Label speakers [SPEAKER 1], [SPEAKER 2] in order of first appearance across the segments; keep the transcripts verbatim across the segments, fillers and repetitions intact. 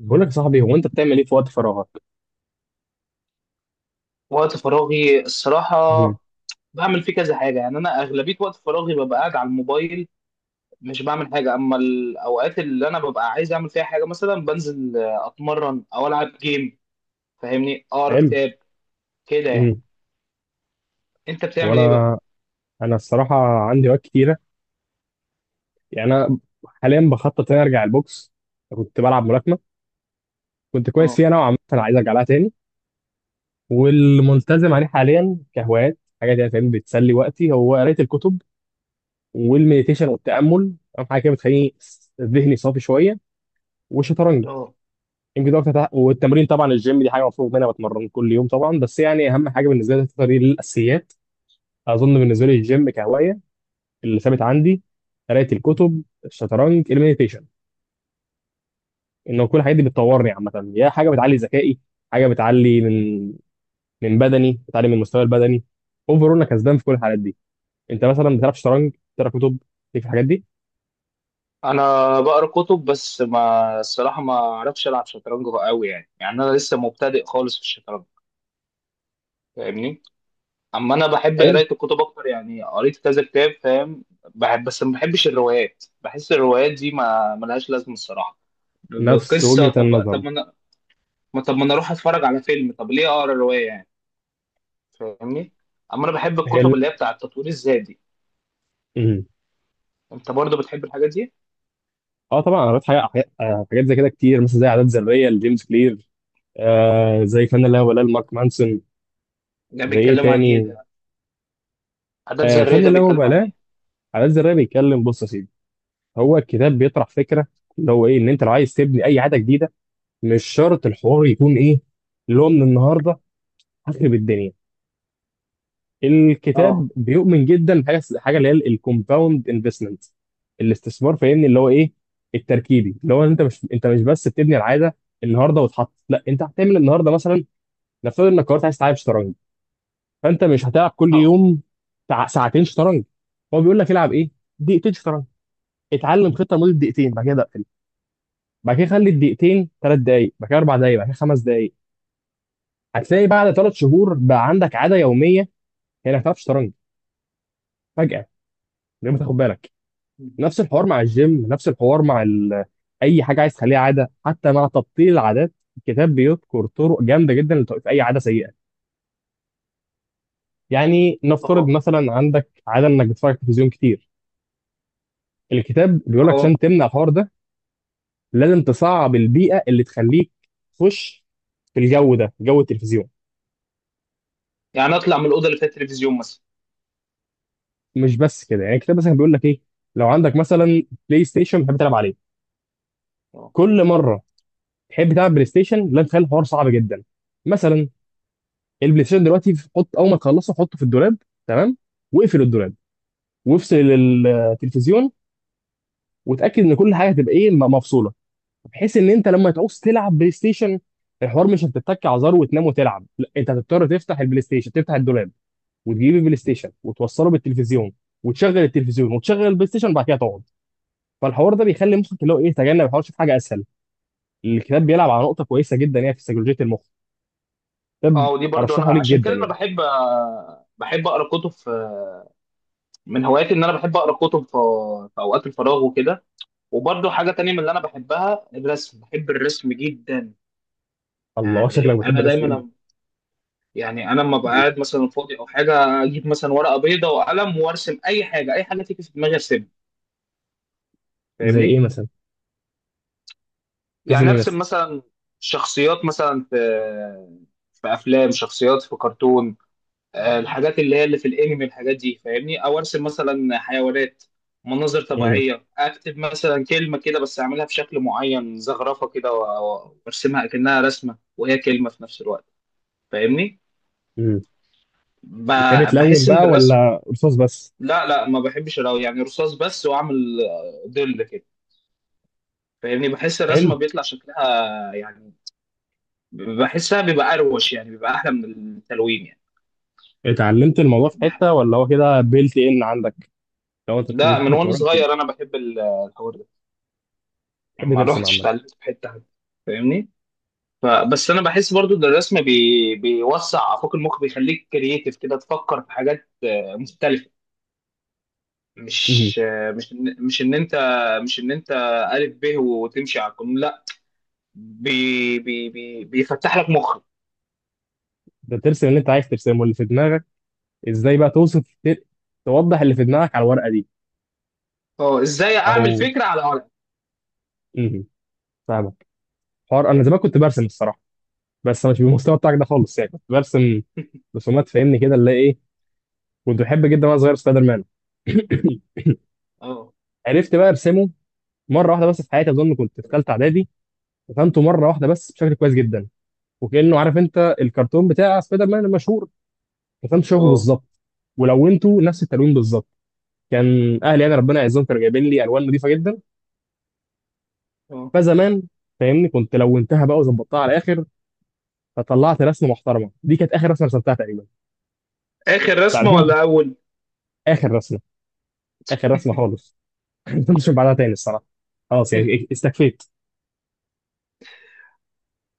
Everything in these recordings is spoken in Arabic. [SPEAKER 1] بقول لك يا صاحبي، هو انت بتعمل ايه في وقت فراغك؟
[SPEAKER 2] وقت فراغي الصراحة
[SPEAKER 1] مم.
[SPEAKER 2] بعمل فيه كذا حاجة، يعني أنا أغلبية وقت فراغي ببقى قاعد على الموبايل، مش بعمل حاجة. أما الأوقات اللي أنا ببقى عايز أعمل فيها حاجة، مثلا بنزل آه، أتمرن أو ألعب جيم، فاهمني، أقرأ
[SPEAKER 1] حلو.
[SPEAKER 2] كتاب، كده يعني.
[SPEAKER 1] امم
[SPEAKER 2] أنت
[SPEAKER 1] هو
[SPEAKER 2] بتعمل إيه بقى؟
[SPEAKER 1] انا انا الصراحه عندي وقت كتيره، يعني انا حاليا بخطط اني ارجع البوكس. كنت بلعب ملاكمه، كنت كويس
[SPEAKER 2] أه.
[SPEAKER 1] فيها نوعا ما، انا عايز ارجع لها تاني. والملتزم عليه حاليا كهوايات، حاجه دي فاهم بتسلي وقتي، هو قرايه الكتب والمديتيشن والتامل. اهم حاجه كده بتخليني س- ذهني صافي شويه، والشطرنج.
[SPEAKER 2] أه.
[SPEAKER 1] يمكن ده أكتر تع- والتمرين طبعا، الجيم دي حاجه مفروض منها بتمرن كل يوم طبعا، بس يعني اهم حاجه بالنسبه لي الفترة دي الاساسيات. اظن بالنسبه لي الجيم كهوايه اللي ثابت عندي، قرايه الكتب، الشطرنج، المديتيشن، انه كل الحاجات دي بتطورني عامه، يا حاجه بتعلي ذكائي، حاجه بتعلي من من بدني، بتعلي من المستوى البدني. اوفر انا كسبان في كل الحالات دي. انت مثلا بتلعب شطرنج، بتقرا كتب، ليك في الحاجات دي؟
[SPEAKER 2] أنا بقرأ كتب، بس ما الصراحة ما أعرفش ألعب شطرنج أوي، يعني يعني أنا لسه مبتدئ خالص في الشطرنج، فاهمني؟ اما انا بحب
[SPEAKER 1] حلو.
[SPEAKER 2] قرايه الكتب اكتر، يعني قريت كذا كتاب، فاهم. بحب، بس ما بحبش الروايات، بحس الروايات دي ما ملهاش لازمه الصراحه.
[SPEAKER 1] نفس
[SPEAKER 2] قصه،
[SPEAKER 1] وجهه
[SPEAKER 2] طب
[SPEAKER 1] النظر.
[SPEAKER 2] طب ما انا ما- طب ما انا اروح اتفرج على فيلم، طب ليه اقرا روايه يعني، فاهمني. اما انا بحب
[SPEAKER 1] حلو.
[SPEAKER 2] الكتب اللي هي بتاع التطوير الذاتي.
[SPEAKER 1] مم.
[SPEAKER 2] انت برضو بتحب الحاجات دي؟
[SPEAKER 1] اه طبعا، انا قريت حاجه حاجات آه، حاجات زي كده كتير، مثلا زي عادات ذريه لجيمس كلير، آه زي فن اللا مبالاه لمارك مانسون.
[SPEAKER 2] ده
[SPEAKER 1] زي ايه
[SPEAKER 2] بيتكلم عن ايه
[SPEAKER 1] تاني؟
[SPEAKER 2] ده؟ عادات
[SPEAKER 1] آه
[SPEAKER 2] ذريه
[SPEAKER 1] فن
[SPEAKER 2] ده
[SPEAKER 1] اللا
[SPEAKER 2] بيتكلم عن
[SPEAKER 1] مبالاه.
[SPEAKER 2] ايه؟
[SPEAKER 1] عادات ذريه بيتكلم، بص يا سيدي، هو الكتاب بيطرح فكره اللي هو ايه، ان انت لو عايز تبني اي عاده جديده، مش شرط الحوار يكون ايه، اللي هو من النهارده هخرب الدنيا. الكتاب
[SPEAKER 2] اه.
[SPEAKER 1] بيؤمن جدا بحاجه، حاجه اللي هي الكومباوند انفستمنت، الاستثمار، فاهمني اللي هو ايه، التركيبي. اللي هو انت مش، انت مش بس بتبني العاده النهارده وتحط، لا، انت هتعمل النهارده مثلا، نفترض انك قررت عايز تلعب شطرنج، فانت مش هتلعب كل
[SPEAKER 2] اه.
[SPEAKER 1] يوم ساع- ساعتين شطرنج. هو بيقول لك العب ايه؟ دقيقتين شطرنج، اتعلم خطه لمده دقيقتين بعد كده اقفل. بعد كده خلي الدقيقتين ثلاث دقايق، بعد كده اربع دقايق، بعد كده خمس دقايق. هتلاقي بعد ثلاث شهور بقى عندك عاده يوميه، هي انك تلعب شطرنج فجاه من غير ما تاخد بالك. نفس الحوار مع الجيم، نفس الحوار مع ال... اي حاجه عايز تخليها عاده. حتى مع تبطيل العادات، الكتاب بيذكر طرق جامده جدا لتوقيف اي عاده سيئه. يعني نفترض
[SPEAKER 2] اه.
[SPEAKER 1] مثلا عندك عاده انك بتتفرج على التلفزيون كتير، الكتاب بيقول لك
[SPEAKER 2] اه.
[SPEAKER 1] عشان تمنع الحوار ده، لازم تصعب البيئه اللي تخليك تخش في الجو ده، جو التلفزيون.
[SPEAKER 2] يعني اطلع من الاوضه اللي فيها التلفزيون مثلا؟
[SPEAKER 1] مش بس كده، يعني الكتاب مثلا بيقول لك ايه، لو عندك مثلا بلاي ستيشن بتحب تلعب عليه،
[SPEAKER 2] اه.
[SPEAKER 1] كل مره تحب تلعب بلاي ستيشن، لا، تخلي الحوار صعب جدا. مثلا البلاي ستيشن دلوقتي، حط، اول ما تخلصه حطه في الدولاب، تمام، واقفل الدولاب، وافصل التلفزيون، وتاكد ان كل حاجه هتبقى ايه، م- مفصوله. بحيث ان انت لما تعوز تلعب بلاي ستيشن، الحوار مش هتتك على زر وتنام وتلعب، لا، انت هتضطر تفتح البلاي ستيشن، تفتح الدولاب، وتجيب البلاي ستيشن، وتوصله بالتلفزيون، وتشغل التلفزيون، وتشغل البلاي ستيشن، وبعد كده تقعد. فالحوار ده بيخلي مخك اللي هو ايه، تجنب الحوار، شوف حاجه اسهل. الكتاب بيلعب على نقطه كويسه جدا يعني في سيكولوجيه المخ. كتاب
[SPEAKER 2] اه، ودي برضو انا
[SPEAKER 1] ارشحه ليك
[SPEAKER 2] عشان
[SPEAKER 1] جدا
[SPEAKER 2] كده انا
[SPEAKER 1] يعني.
[SPEAKER 2] بحب، بحب اقرا كتب. من هواياتي ان انا بحب اقرا كتب في، في اوقات الفراغ وكده. وبرضه حاجه تانية من اللي انا بحبها الرسم، بحب الرسم جدا.
[SPEAKER 1] الله،
[SPEAKER 2] يعني
[SPEAKER 1] شكلك بتحب
[SPEAKER 2] انا
[SPEAKER 1] الرسم جدا.
[SPEAKER 2] دايما، يعني انا لما بقعد مثلا فاضي او حاجه، اجيب مثلا ورقه بيضاء وقلم وارسم اي حاجه، اي حاجه تيجي في دماغي ارسمها،
[SPEAKER 1] زي ايه
[SPEAKER 2] فاهمني.
[SPEAKER 1] مثلا؟ تسم
[SPEAKER 2] يعني
[SPEAKER 1] ايه مثلا؟
[SPEAKER 2] ارسم مثلا شخصيات مثلا في، في افلام، شخصيات في كرتون، آه، الحاجات اللي هي اللي في الانمي الحاجات دي، فاهمني، او ارسم مثلا حيوانات، مناظر
[SPEAKER 1] مم.
[SPEAKER 2] طبيعيه، اكتب مثلا كلمه كده بس اعملها بشكل معين، زخرفه كده و- و- وارسمها اكنها رسمه وهي كلمه في نفس الوقت، فاهمني.
[SPEAKER 1] مم. بتحب
[SPEAKER 2] ب-
[SPEAKER 1] تلون
[SPEAKER 2] بحس
[SPEAKER 1] بقى،
[SPEAKER 2] ان الرسم،
[SPEAKER 1] ولا رصاص بس؟
[SPEAKER 2] لا لا ما بحبش الرو يعني رصاص بس، واعمل آه، ظل كده، فاهمني، بحس
[SPEAKER 1] حلو.
[SPEAKER 2] الرسمه بيطلع شكلها يعني، بحسها بيبقى اروش يعني، بيبقى احلى من التلوين يعني.
[SPEAKER 1] اتعلمت الموضوع في
[SPEAKER 2] بح-
[SPEAKER 1] حته، ولا هو كده بيلت ان عندك؟ لو انت بت-
[SPEAKER 2] لا، من وانا
[SPEAKER 1] اتولدت كده؟
[SPEAKER 2] صغير انا بحب ال- الحوار ده.
[SPEAKER 1] بتحب
[SPEAKER 2] ما
[SPEAKER 1] ترسم
[SPEAKER 2] الواحد
[SPEAKER 1] عامه.
[SPEAKER 2] اتعلمت في حته حتى، فاهمني. فبس انا بحس برضو ان الرسم بي... بيوسع افاق المخ، بيخليك كرييتيف كده، تفكر في حاجات مختلفه.
[SPEAKER 1] مم.
[SPEAKER 2] مش مش مش ان انت مش ان انت الف ب وتمشي على القانون، لا، بي... بي... بي... بيفتح لك مخك.
[SPEAKER 1] ده ترسم اللي انت عايز ترسمه، اللي في دماغك، ازاي بقى توصف، ت- توضح اللي في دماغك على الورقه دي؟
[SPEAKER 2] اه، ازاي
[SPEAKER 1] او
[SPEAKER 2] اعمل فكره على ورق.
[SPEAKER 1] مم. فاهمك. حوار انا زمان كنت برسم الصراحه، بس مش بالمستوى بتاعك ده خالص، يعني كنت برسم رسومات، فاهمني كده اللي هي ايه، كنت بحب جدا وانا صغير سبايدر مان.
[SPEAKER 2] اه.
[SPEAKER 1] عرفت بقى ارسمه مره واحده بس في حياتي، اظن كنت في ثالثه اعدادي. رسمته مره واحده بس بشكل كويس جدا، وكانه، عارف انت الكرتون بتاع سبايدر مان المشهور، رسمته شبهه
[SPEAKER 2] اه.
[SPEAKER 1] بالظبط، ولونته نفس التلوين بالظبط. كان اهلي، انا ربنا يعزهم، كانوا جايبين لي الوان نظيفه جدا،
[SPEAKER 2] اه.
[SPEAKER 1] فزمان، فاهمني، كنت لونتها بقى وظبطتها على الاخر، فطلعت رسمه محترمه. دي كانت اخر رسمه رسمتها تقريبا.
[SPEAKER 2] اخر
[SPEAKER 1] بعد
[SPEAKER 2] رسمه
[SPEAKER 1] كده،
[SPEAKER 2] ولا اول؟
[SPEAKER 1] اخر رسمه، اخر رسمه خالص، ما كنتش بعدها تاني الصراحه. خلاص يعني إيه- استكفيت.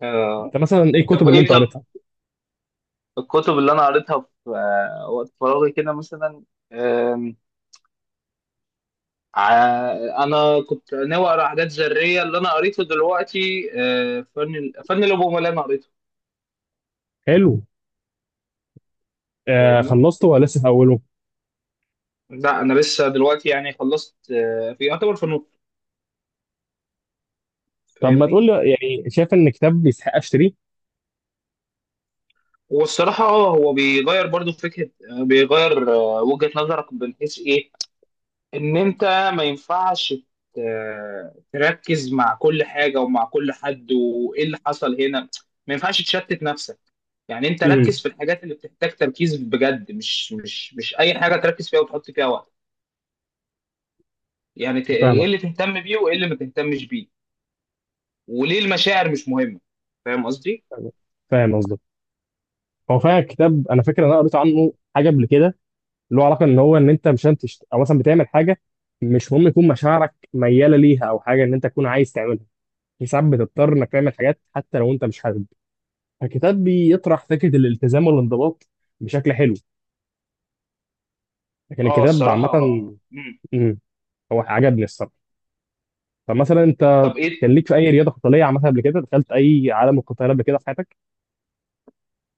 [SPEAKER 2] آه.
[SPEAKER 1] انت مثلا ايه
[SPEAKER 2] طب
[SPEAKER 1] الكتب اللي
[SPEAKER 2] ايه،
[SPEAKER 1] انت
[SPEAKER 2] طب
[SPEAKER 1] قريتها؟
[SPEAKER 2] الكتب اللي انا قريتها في آه، وقت فراغي كده مثلا، ع- انا كنت ناوي اقرا حاجات ذريه. اللي انا قريته دلوقتي آه، فن ال- فن الابومه اللي انا قريته،
[SPEAKER 1] حلو. آه،
[SPEAKER 2] فاهمني.
[SPEAKER 1] خلصته ولا لسه في اوله؟
[SPEAKER 2] لا، انا لسه دلوقتي يعني خلصت آه، في يعتبر فنون،
[SPEAKER 1] طب ما تقول
[SPEAKER 2] فاهمني.
[SPEAKER 1] لي يعني، شايف ان كتاب يستحق اشتريه؟
[SPEAKER 2] والصراحه اه هو بيغير برضو فكره، آه، بيغير آه، وجهه نظرك من حيث ايه. ان انت ما ينفعش ت- تركز مع كل حاجه ومع كل حد وايه اللي حصل هنا، ما ينفعش تشتت نفسك. يعني انت
[SPEAKER 1] امم
[SPEAKER 2] ركز في الحاجات اللي بتحتاج تركيز بجد، مش مش مش اي حاجه تركز فيها وتحط فيها وقت. يعني ت- ايه
[SPEAKER 1] فاهمك.
[SPEAKER 2] اللي تهتم بيه وايه اللي ما تهتمش بيه، وليه المشاعر مش مهمه، فاهم قصدي.
[SPEAKER 1] فاهمك. فاهم قصدك. هو فعلا كتاب انا فاكر ان انا قريت عنه حاجه قبل كده، اللي هو علاقه ان هو، ان انت مش هتشت... او مثلا بتعمل حاجه، مش مهم يكون مشاعرك مياله ليها، او حاجه ان انت تكون عايز تعملها. في ساعات بتضطر انك تعمل حاجات حتى لو انت مش حابب، فالكتاب بيطرح فكره الالتزام والانضباط بشكل حلو، لكن
[SPEAKER 2] اه
[SPEAKER 1] الكتاب عامه
[SPEAKER 2] الصراحة. مم.
[SPEAKER 1] هو عجبني الصراحه. طب مثلا انت
[SPEAKER 2] طب
[SPEAKER 1] كان
[SPEAKER 2] ايه.
[SPEAKER 1] ليك في اي رياضه قتاليه عملتها قبل كده؟ دخلت اي عالم القتال قبل كده في حياتك؟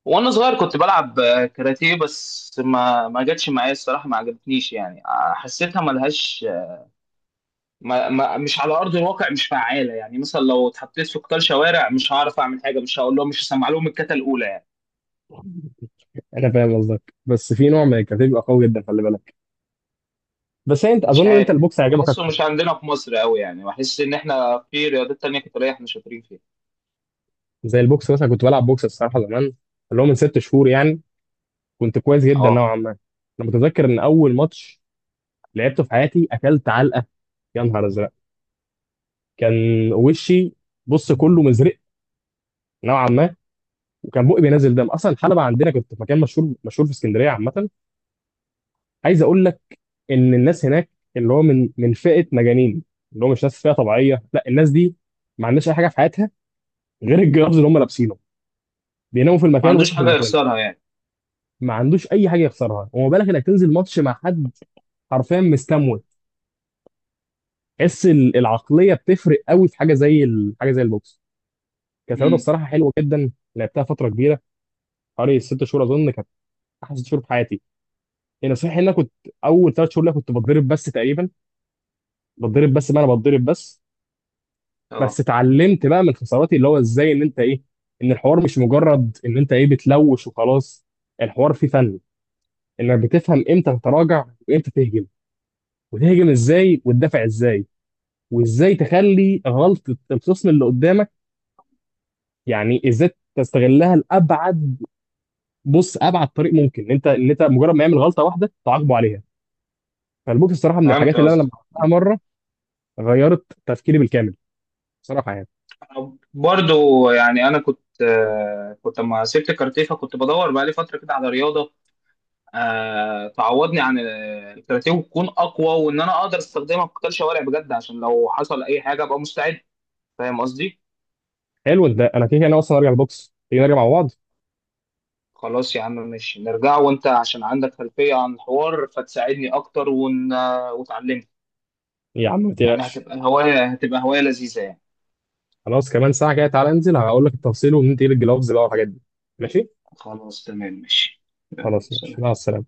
[SPEAKER 2] وانا صغير كنت بلعب آه، كاراتيه، بس ما ما جاتش معايا الصراحه، ما عجبتنيش يعني، آه، حسيتها ملهاش ما ما مش على ارض الواقع، مش فعاله. يعني مثلا لو اتحطيت في قطار شوارع مش هعرف اعمل حاجه، مش هقول لهم، مش هسمع لهم الكتا الاولى يعني.
[SPEAKER 1] انا فاهم قصدك، بس في نوع من الكاراتيه بيبقى قوي جدا، خلي بالك، بس هي انت
[SPEAKER 2] مش
[SPEAKER 1] اظن ان انت
[SPEAKER 2] عارف،
[SPEAKER 1] البوكس هيعجبك
[SPEAKER 2] بحسه
[SPEAKER 1] اكتر.
[SPEAKER 2] مش عندنا في مصر قوي، يعني بحس ان احنا في رياضات تانية قتاليه احنا شاطرين فيها.
[SPEAKER 1] زي البوكس مثلا، كنت بلعب بوكس الصراحه زمان، اللي هو من ست شهور يعني. كنت كويس جدا
[SPEAKER 2] اه.
[SPEAKER 1] نوعا ما. انا متذكر ان اول ماتش لعبته في حياتي اكلت علقه، يا نهار ازرق! كان وشي، بص، كله مزرق نوعا ما، وكان بقي بينزل دم اصلا. الحلبه عندنا، كنت في مكان مشهور مشهور في اسكندريه عامه، عايز اقول لك ان الناس هناك اللي هو من من فئه مجانين، اللي هو مش ناس فئه طبيعيه، لا، الناس دي ما عندهاش اي حاجه في حياتها غير الجرافز اللي هم لابسينه، بيناموا في
[SPEAKER 2] ما
[SPEAKER 1] المكان
[SPEAKER 2] عندوش
[SPEAKER 1] ويصحوا في
[SPEAKER 2] حاجه
[SPEAKER 1] المكان.
[SPEAKER 2] يخسرها يعني.
[SPEAKER 1] ما عندوش اي حاجه يخسرها، وما بالك انك تنزل ماتش مع حد حرفيا مستموت؟ تحس ال- العقليه بتفرق قوي في حاجه زي ال- حاجه زي البوكس. كانت رياضه
[SPEAKER 2] امم.
[SPEAKER 1] بصراحه حلوه جدا، لعبتها فتره كبيره، حوالي ست شهور اظن كانت، احسن ست شهور في حياتي. يعني صحيح ان انا كنت اول ثلاث شهور ليا كنت بتضرب بس تقريبا، بتضرب بس، ما انا بتضرب بس، بس
[SPEAKER 2] اه،
[SPEAKER 1] اتعلمت بقى من خساراتي اللي هو ازاي ان انت ايه، ان الحوار مش مجرد ان انت ايه بتلوش وخلاص، الحوار فيه فن، انك بتفهم امتى تتراجع وامتى تهجم، وتهجم ازاي وتدافع ازاي، وازاي تخلي غلطة الخصم اللي قدامك، يعني ازاي تستغلها لابعد، بص، ابعد طريق ممكن، إن انت، ان انت مجرد ما يعمل غلطة واحدة تعاقبه عليها. فالبوكس الصراحة من
[SPEAKER 2] فهمت
[SPEAKER 1] الحاجات اللي انا
[SPEAKER 2] قصدي.
[SPEAKER 1] لما عملتها مرة غيرت تفكيري بالكامل، بصراحة يعني.
[SPEAKER 2] برضو يعني انا كنت آه، كنت لما سبت كارتيه، فكنت بدور بقالي فتره كده على رياضه، آه، تعوضني عن الكاراتيه وتكون اقوى، وان انا اقدر استخدمها في قتال شوارع بجد، عشان لو حصل اي حاجه ابقى مستعد، فاهم قصدي.
[SPEAKER 1] حلو، ده انا كده كده انا اصلا ارجع البوكس، تيجي نرجع مع بعض.
[SPEAKER 2] خلاص يا عم، ماشي، نرجع، وانت عشان عندك خلفيه عن الحوار فتساعدني اكتر، ون... وتعلمني.
[SPEAKER 1] يا عم ما
[SPEAKER 2] يعني
[SPEAKER 1] تقلقش.
[SPEAKER 2] هتبقى هوايه، هتبقى هوايه لذيذه يعني.
[SPEAKER 1] خلاص، كمان ساعة كده تعالى انزل هقول لك التفصيل، وبننتقل الجلوفز بقى والحاجات دي. ماشي.
[SPEAKER 2] خلاص تمام ماشي. يلا،
[SPEAKER 1] خلاص، ماشي،
[SPEAKER 2] سلام.
[SPEAKER 1] مع السلامة.